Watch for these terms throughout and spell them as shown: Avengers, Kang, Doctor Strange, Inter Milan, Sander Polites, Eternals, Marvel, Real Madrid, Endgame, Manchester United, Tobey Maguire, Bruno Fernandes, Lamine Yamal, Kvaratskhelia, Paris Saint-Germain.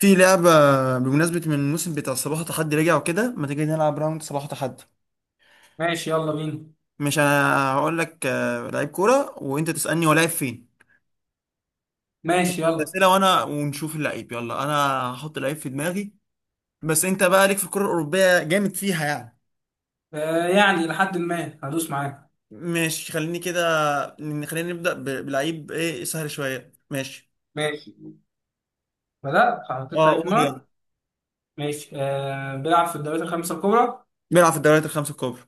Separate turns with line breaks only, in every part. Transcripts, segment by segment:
في لعبة بمناسبة من الموسم بتاع صباح تحدي رجع وكده، ما تيجي نلعب راوند صباح تحدي؟
ماشي يلا بينا.
مش انا هقول لك لعيب كورة وانت تسألني هو لعيب فين.
ماشي يلا.
أسئلة وانا ونشوف اللعيب، يلا انا هحط لعيب في دماغي. بس انت بقى ليك في الكرة الأوروبية جامد فيها يعني.
آه يعني لحد ما هدوس معاك.
ماشي خليني كده. خلينا نبدأ بلعيب ايه سهل شوية. ماشي.
ماشي. بدأت حطيت
اه
لعيب في
قول
دماغك.
يلا.
ماشي، آه بيلعب في الدوريات الخمسة الكبرى.
بيلعب في الدوريات الخمسة الكبرى.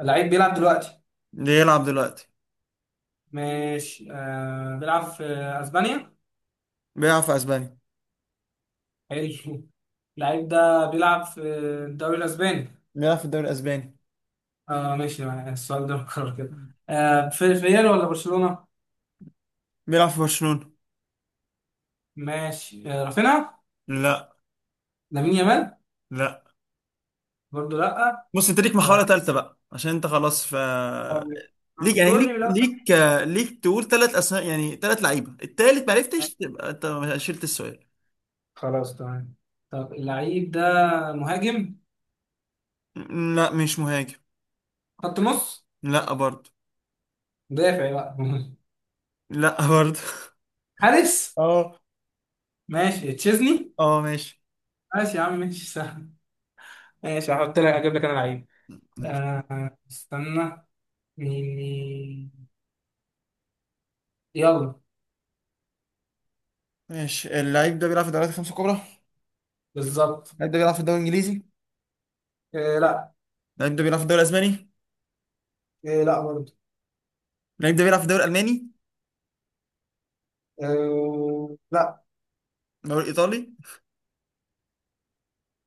اللعيب بيلعب دلوقتي.
بيلعب دلوقتي.
ماشي، آه بيلعب في أسبانيا.
بيلعب في اسبانيا.
حلو. اللعيب ده بيلعب في الدوري الأسباني.
بيلعب في الدوري الاسباني.
اه ماشي معايا. السؤال ده مكرر كده. آه في ريال ولا برشلونة؟
بيلعب في برشلونة.
ماشي، آه رافينيا.
لا.
لامين يامال.
لا.
برضه لا.
بص انت ليك محاولة
طيب.
ثالثة بقى عشان انت خلاص ف
آه،
ليك،
كنت
يعني ليك
تقول لي.
ليك ليك تقول ثلاث اسماء، يعني ثلاث لعيبة، التالت ما
لا.
عرفتش تبقى انت شلت السؤال.
خلاص تمام. طب اللعيب ده مهاجم؟
لا مش مهاجم.
خط نص؟
لا برضه.
مدافع بقى؟
لا برضه.
حارس؟
اه.
ماشي تشيزني.
اه ماشي.
ماشي يا عم، ماشي سهل. ماشي هحط لك، اجيب لك انا لعيب. آه استنى. مين مين. يلا.
ماشي. اللعيب ده بيلعب في الدوريات الخمسة الكبرى.
بالظبط.
اللعيب ده بيلعب في الدوري الانجليزي.
آه لا.
اللعيب ده بيلعب في الدوري الاسباني.
آه لا برضه.
اللعيب ده بيلعب في الدوري الالماني.
آه لا.
الدوري الايطالي.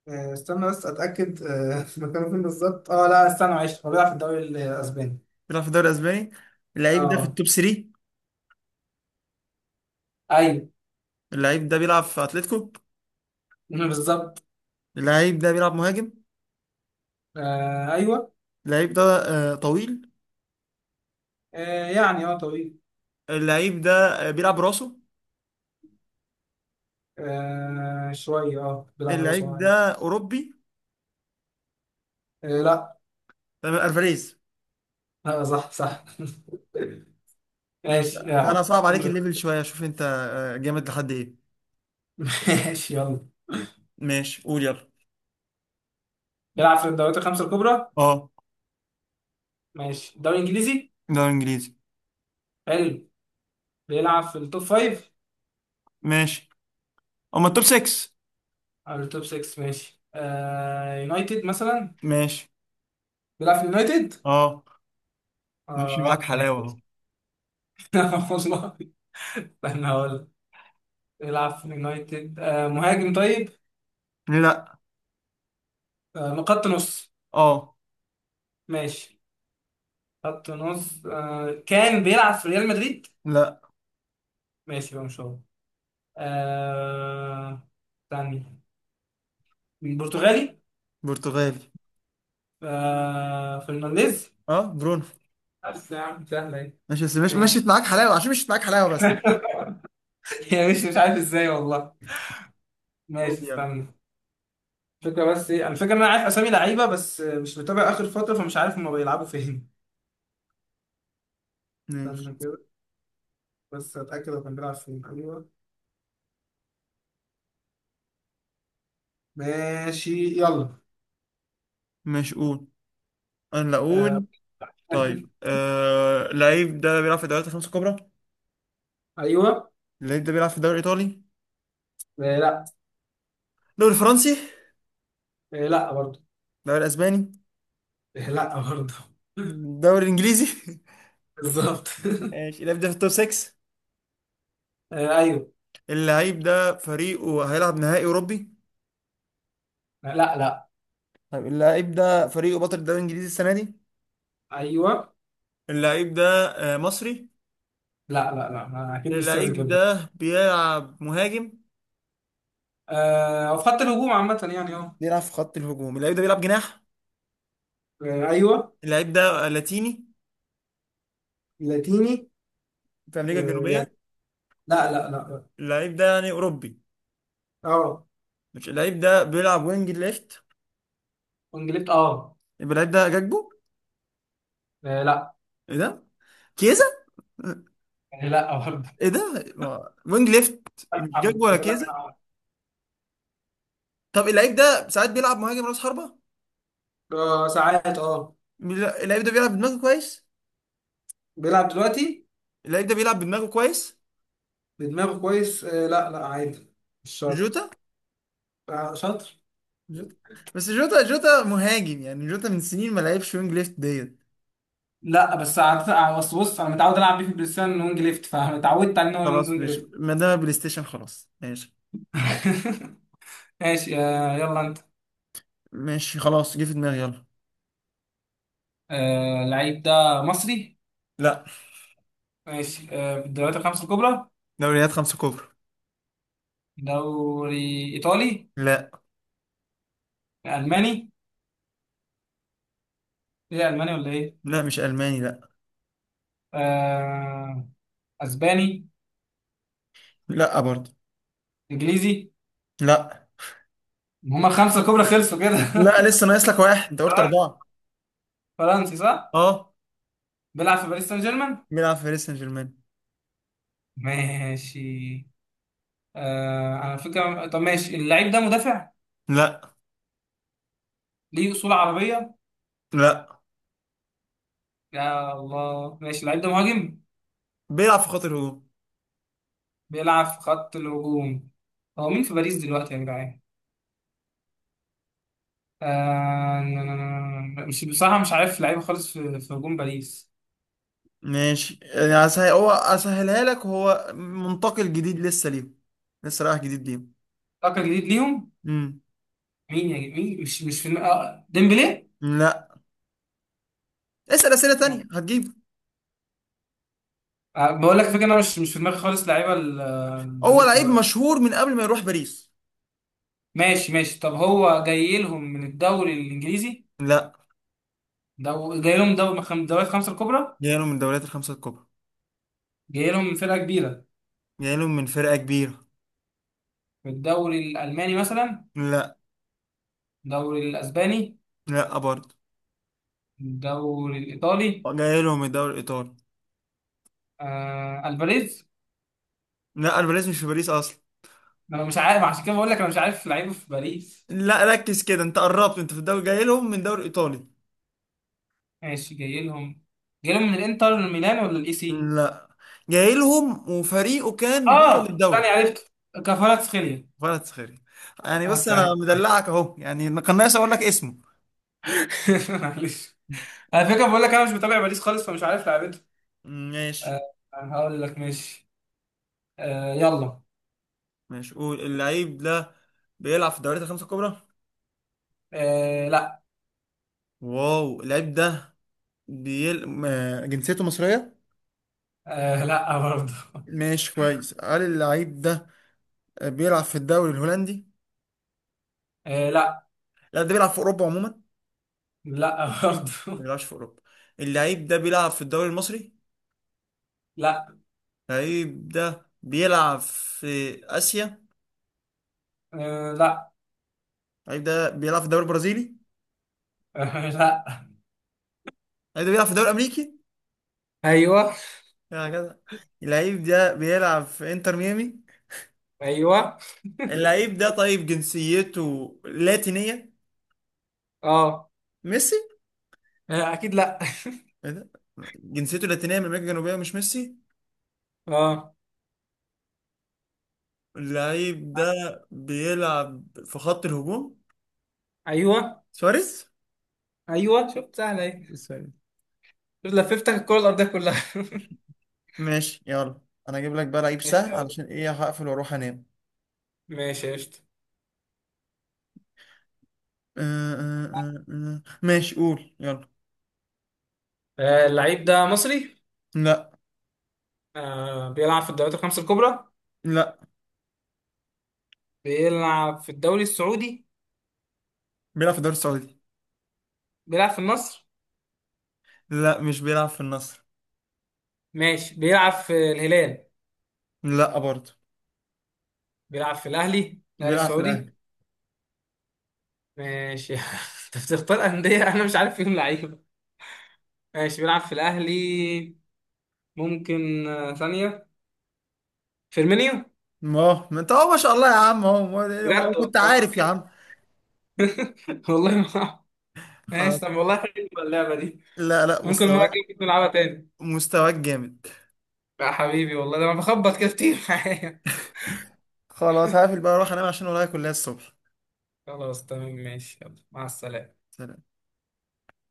آه استنى بس اتاكد مكانه فين بالظبط. اه لا استنى معلش، هو بيلعب في الدوري الاسباني.
بيلعب في الدوري الاسباني. اللعيب ده في
اه
التوب 3.
ايوه.
اللعيب ده بيلعب في اتلتيكو.
بالظبط.
اللعيب ده بيلعب مهاجم.
آه ايوه.
اللعيب ده طويل.
آه يعني طويل.
اللعيب ده بيلعب راسه.
آه شوية، بيلعب من رأسه
اللعيب ده
عادي.
اوروبي.
آه لا.
تمام، الفاريز.
لا صح صح.
ماشي.
ماشي يا عم.
تعالى صعب عليك الليفل شويه، شوف انت جامد لحد ايه؟
ماشي يلا.
ماشي قول يلا.
بيلعب في الدوريات الخمسة الكبرى.
اه
ماشي، الدوري الإنجليزي.
دوري انجليزي.
حلو. بيلعب في التوب فايف.
ماشي. اما التوب 6.
أو التوب 6. ماشي، يونايتد مثلا.
ماشي.
بيلعب في اليونايتد.
اه ماشي معاك
اه
حلاوه
ماشي.
اهو.
والله استنى هقول لك. بيلعب في اليونايتد، مهاجم طيب.
لا.
آه من خط نص.
اه.
ماشي. خط نص، كان بيلعب في ريال مدريد.
لا.
ماشي بقى مش هو. آه... ثاني. برتغالي.
برتغالي.
فرنانديز.
اه برونو.
بس يا عم سهلة ايه.
ماشي، بس مش مشيت
ماشي.
معاك حلاوه، عشان مشيت معاك حلاوه بس.
يا، مش عارف ازاي والله. ماشي
قول يلا.
استنى. الفكرة بس ايه الفكرة، ان انا عارف اسامي لعيبة بس مش متابع اخر فترة، فمش عارف هما بيلعبوا فين. استنى
ماشي.
كده، بس اتأكد هو كان بيلعب فين. ايوه ماشي يلا.
ماشي قول. انا لا
آه...
اقول. طيب اللعيب ده بيلعب في الدوريات الخمسه الكبرى.
ايوه.
اللعيب ده بيلعب في الدوري الايطالي.
آه لا.
الدوري الفرنسي.
آه لا برضه.
الدوري الاسباني.
آه لا برضه.
الدوري الانجليزي.
بالظبط.
ماشي اللعيب ده في التوب 6.
آه ايوه.
اللعيب ده فريقه هيلعب نهائي اوروبي.
لا لا.
طيب اللعيب ده فريقه بطل الدوري الانجليزي السنه دي.
ايوه.
اللعيب ده مصري.
لا لا لا، اكيد مش سياسي
اللعيب
جدا.
ده بيلعب مهاجم.
آه وفي خط الهجوم عامة يعني
بيلعب في خط الهجوم. اللعيب ده بيلعب جناح.
آه، ايوه.
اللعيب ده لاتيني.
لاتيني.
في امريكا
آه
الجنوبيه.
يعني. لا لا لا.
اللعيب ده يعني اوروبي.
اه.
مش اللعيب ده بيلعب وينج ليفت.
انجليت
يبقى اللعيب ده جاكبو.
آه، لا.
ايه ده. كيزا.
يعني لا برضه.
ايه ده وينج ليفت.
لا.
مش جاكبو ولا.
فاضل لك انا
طب اللعيب ده ساعات بيلعب مهاجم راس حربة.
آه، ساعات
اللعيب ده بيلعب بدماغه كويس.
بيلعب دلوقتي
اللعيب ده بيلعب بدماغه كويس.
بدماغه كويس. لا لا عادي. مش شرط.
جوتا.
آه شاطر.
جوتا. بس جوتا، جوتا مهاجم يعني، جوتا من سنين ما لعبش وينج ليفت ديت.
لا، بس عادة- آه، بس بص انا متعود العب بيه في البلاي ستيشن وينج ليفت، فاتعودت على ان هو
خلاص
وينج
ماشي،
ليفت.
ما دام بلاي ستيشن خلاص ماشي.
ماشي، يلا انت.
ماشي خلاص جه في دماغي يلا.
آه اللعيب ده مصري.
لا.
ماشي، في الدوريات الخمسة الكبرى.
دوريات خمسة كبرى.
دوري إيطالي؟
لا.
ألماني؟ إيه، ألماني ولا إيه؟
لا مش ألماني لا.
آه، أسباني؟
لا برضه.
إنجليزي؟
لا.
هما الخمسة الكبرى خلصوا كده.
لا لسه ناقص لك واحد، انت قلت أربعة.
فرنسي صح؟
اه.
بيلعب في باريس سان جيرمان؟
بيلعب في باريس سان جيرمان.
ماشي. أنا فكرة. طب ماشي، اللعيب ده مدافع؟
لا.
ليه أصول عربية؟
لا.
يا الله. ماشي، اللعيب ده مهاجم؟
بيلعب في خط الهجوم.
بيلعب في خط الهجوم. هو مين في باريس دلوقتي يا جدعان؟ مش بصراحة، مش عارف لعيبة خالص في هجوم باريس.
ماشي يعني هسهل، هو اسهلها لك، هو منتقل جديد لسه ليهم، لسه رايح جديد ليهم.
فاكر جديد ليهم.
امم
مين يا جديد؟ مين، مش في دماغي. ديمبلي.
لا. اسأل أسئلة تانية هتجيبه.
آه، بقول لك فكرة، انا مش في دماغي خالص لعيبة
هو
باريس
لعيب
دلوقتي.
مشهور من قبل ما يروح باريس.
ماشي ماشي. طب هو جاي لهم من الدوري الانجليزي؟
لا.
جاي لهم دوري من الدوريات الخمسة الكبرى.
جاي له من الدوريات الخمسة الكبرى.
جاي لهم من فرقة كبيرة.
جاي له من فرقة كبيرة.
من الدوري الالماني مثلا؟
لا.
الدوري الاسباني؟
لا برضه.
الدوري الايطالي؟
جاي له من الدوري الإيطالي.
الفاريز.
لا الباريس مش في باريس أصلا.
انا مش عارف، عشان كده بقول لك انا مش عارف لعيبة في باريس.
لا ركز كده، أنت قربت، أنت في الدوري جاي لهم من الدوري الإيطالي.
ماشي جاي لهم. جاي لهم من الانتر ميلان ولا الاي سي؟
لا. جاي لهم وفريقه كان بطل
اه
الدوري.
انا عرفت، كفاراتسخيليا.
فرد سخري. يعني
اه
بص انا
سعيد.
مدلعك اهو، يعني ما كان ناقص اقول لك اسمه.
معلش. على فكره بقول لك انا مش متابع باريس خالص، فمش عارف لعبته.
ماشي.
آه. هقول لك ماشي. يلا.
ماشي قول اللعيب ده بيلعب في الدوريات الخمسة الكبرى.
آه لا.
واو اللعيب ده بيل... آه، جنسيته مصرية.
آه لا برضه.
ماشي كويس، هل اللعيب ده بيلعب في الدوري الهولندي؟
آه لا.
لا ده بيلعب في أوروبا عموما، ما
لا برضه.
بيلعبش في أوروبا. اللعيب ده بيلعب في الدوري المصري.
لا.
اللعيب ده بيلعب في آسيا.
آه لا.
اللعيب ده بيلعب في الدوري البرازيلي. اللعيب
آه لا.
ده بيلعب في الدوري الأمريكي.
ايوه.
هكذا. اللعيب ده بيلعب في انتر ميامي.
ايوه.
اللعيب ده طيب جنسيته لاتينية.
اه.
ميسي.
اكيد لا.
ايه ده. جنسيته لاتينية من أمريكا الجنوبية، مش ميسي.
اه.
اللعيب ده بيلعب في خط الهجوم.
ايوه.
سواريز.
ايوه شفت سهله اهي.
سواريز.
شفت لففتك الكره الارضيه كلها.
ماشي يلا. انا اجيب لك بقى لعيب
ماشي
سهل،
يلا.
علشان ايه، هقفل واروح انام.
ماشي قشطة.
أه أه أه أه. ماشي قول يلا.
اللعيب ده مصري.
لا.
بيلعب في الدوريات الخمسة الكبرى.
لا.
بيلعب في الدوري السعودي.
بيلعب في الدوري السعودي.
بيلعب في النصر.
لا مش بيلعب في النصر.
ماشي بيلعب في الهلال.
لا برضه.
بيلعب في الأهلي، الأهلي
بيلعب في الاهلي.
السعودي. ماشي. أنت بتختار أندية أنا مش عارف فيهم لعيبة. ماشي بيلعب في الأهلي. ممكن ثانية. فيرمينيو.
ما انت اهو، ما شاء الله يا عم، اهو ما
بجد.
انا كنت
والله.
عارف يا عم.
والله ما. ماشي
خلاص.
طب، والله حلوة اللعبة دي.
لا لا
ممكن مرة
مستواك.
كده نلعبها تاني.
مستواك جامد.
يا حبيبي والله، ده أنا بخبط كده كتير.
خلاص هقفل بقى اروح انام عشان ورايا كلية الصبح.
خلاص تمام، ماشي يلا، مع السلامة.
سلام.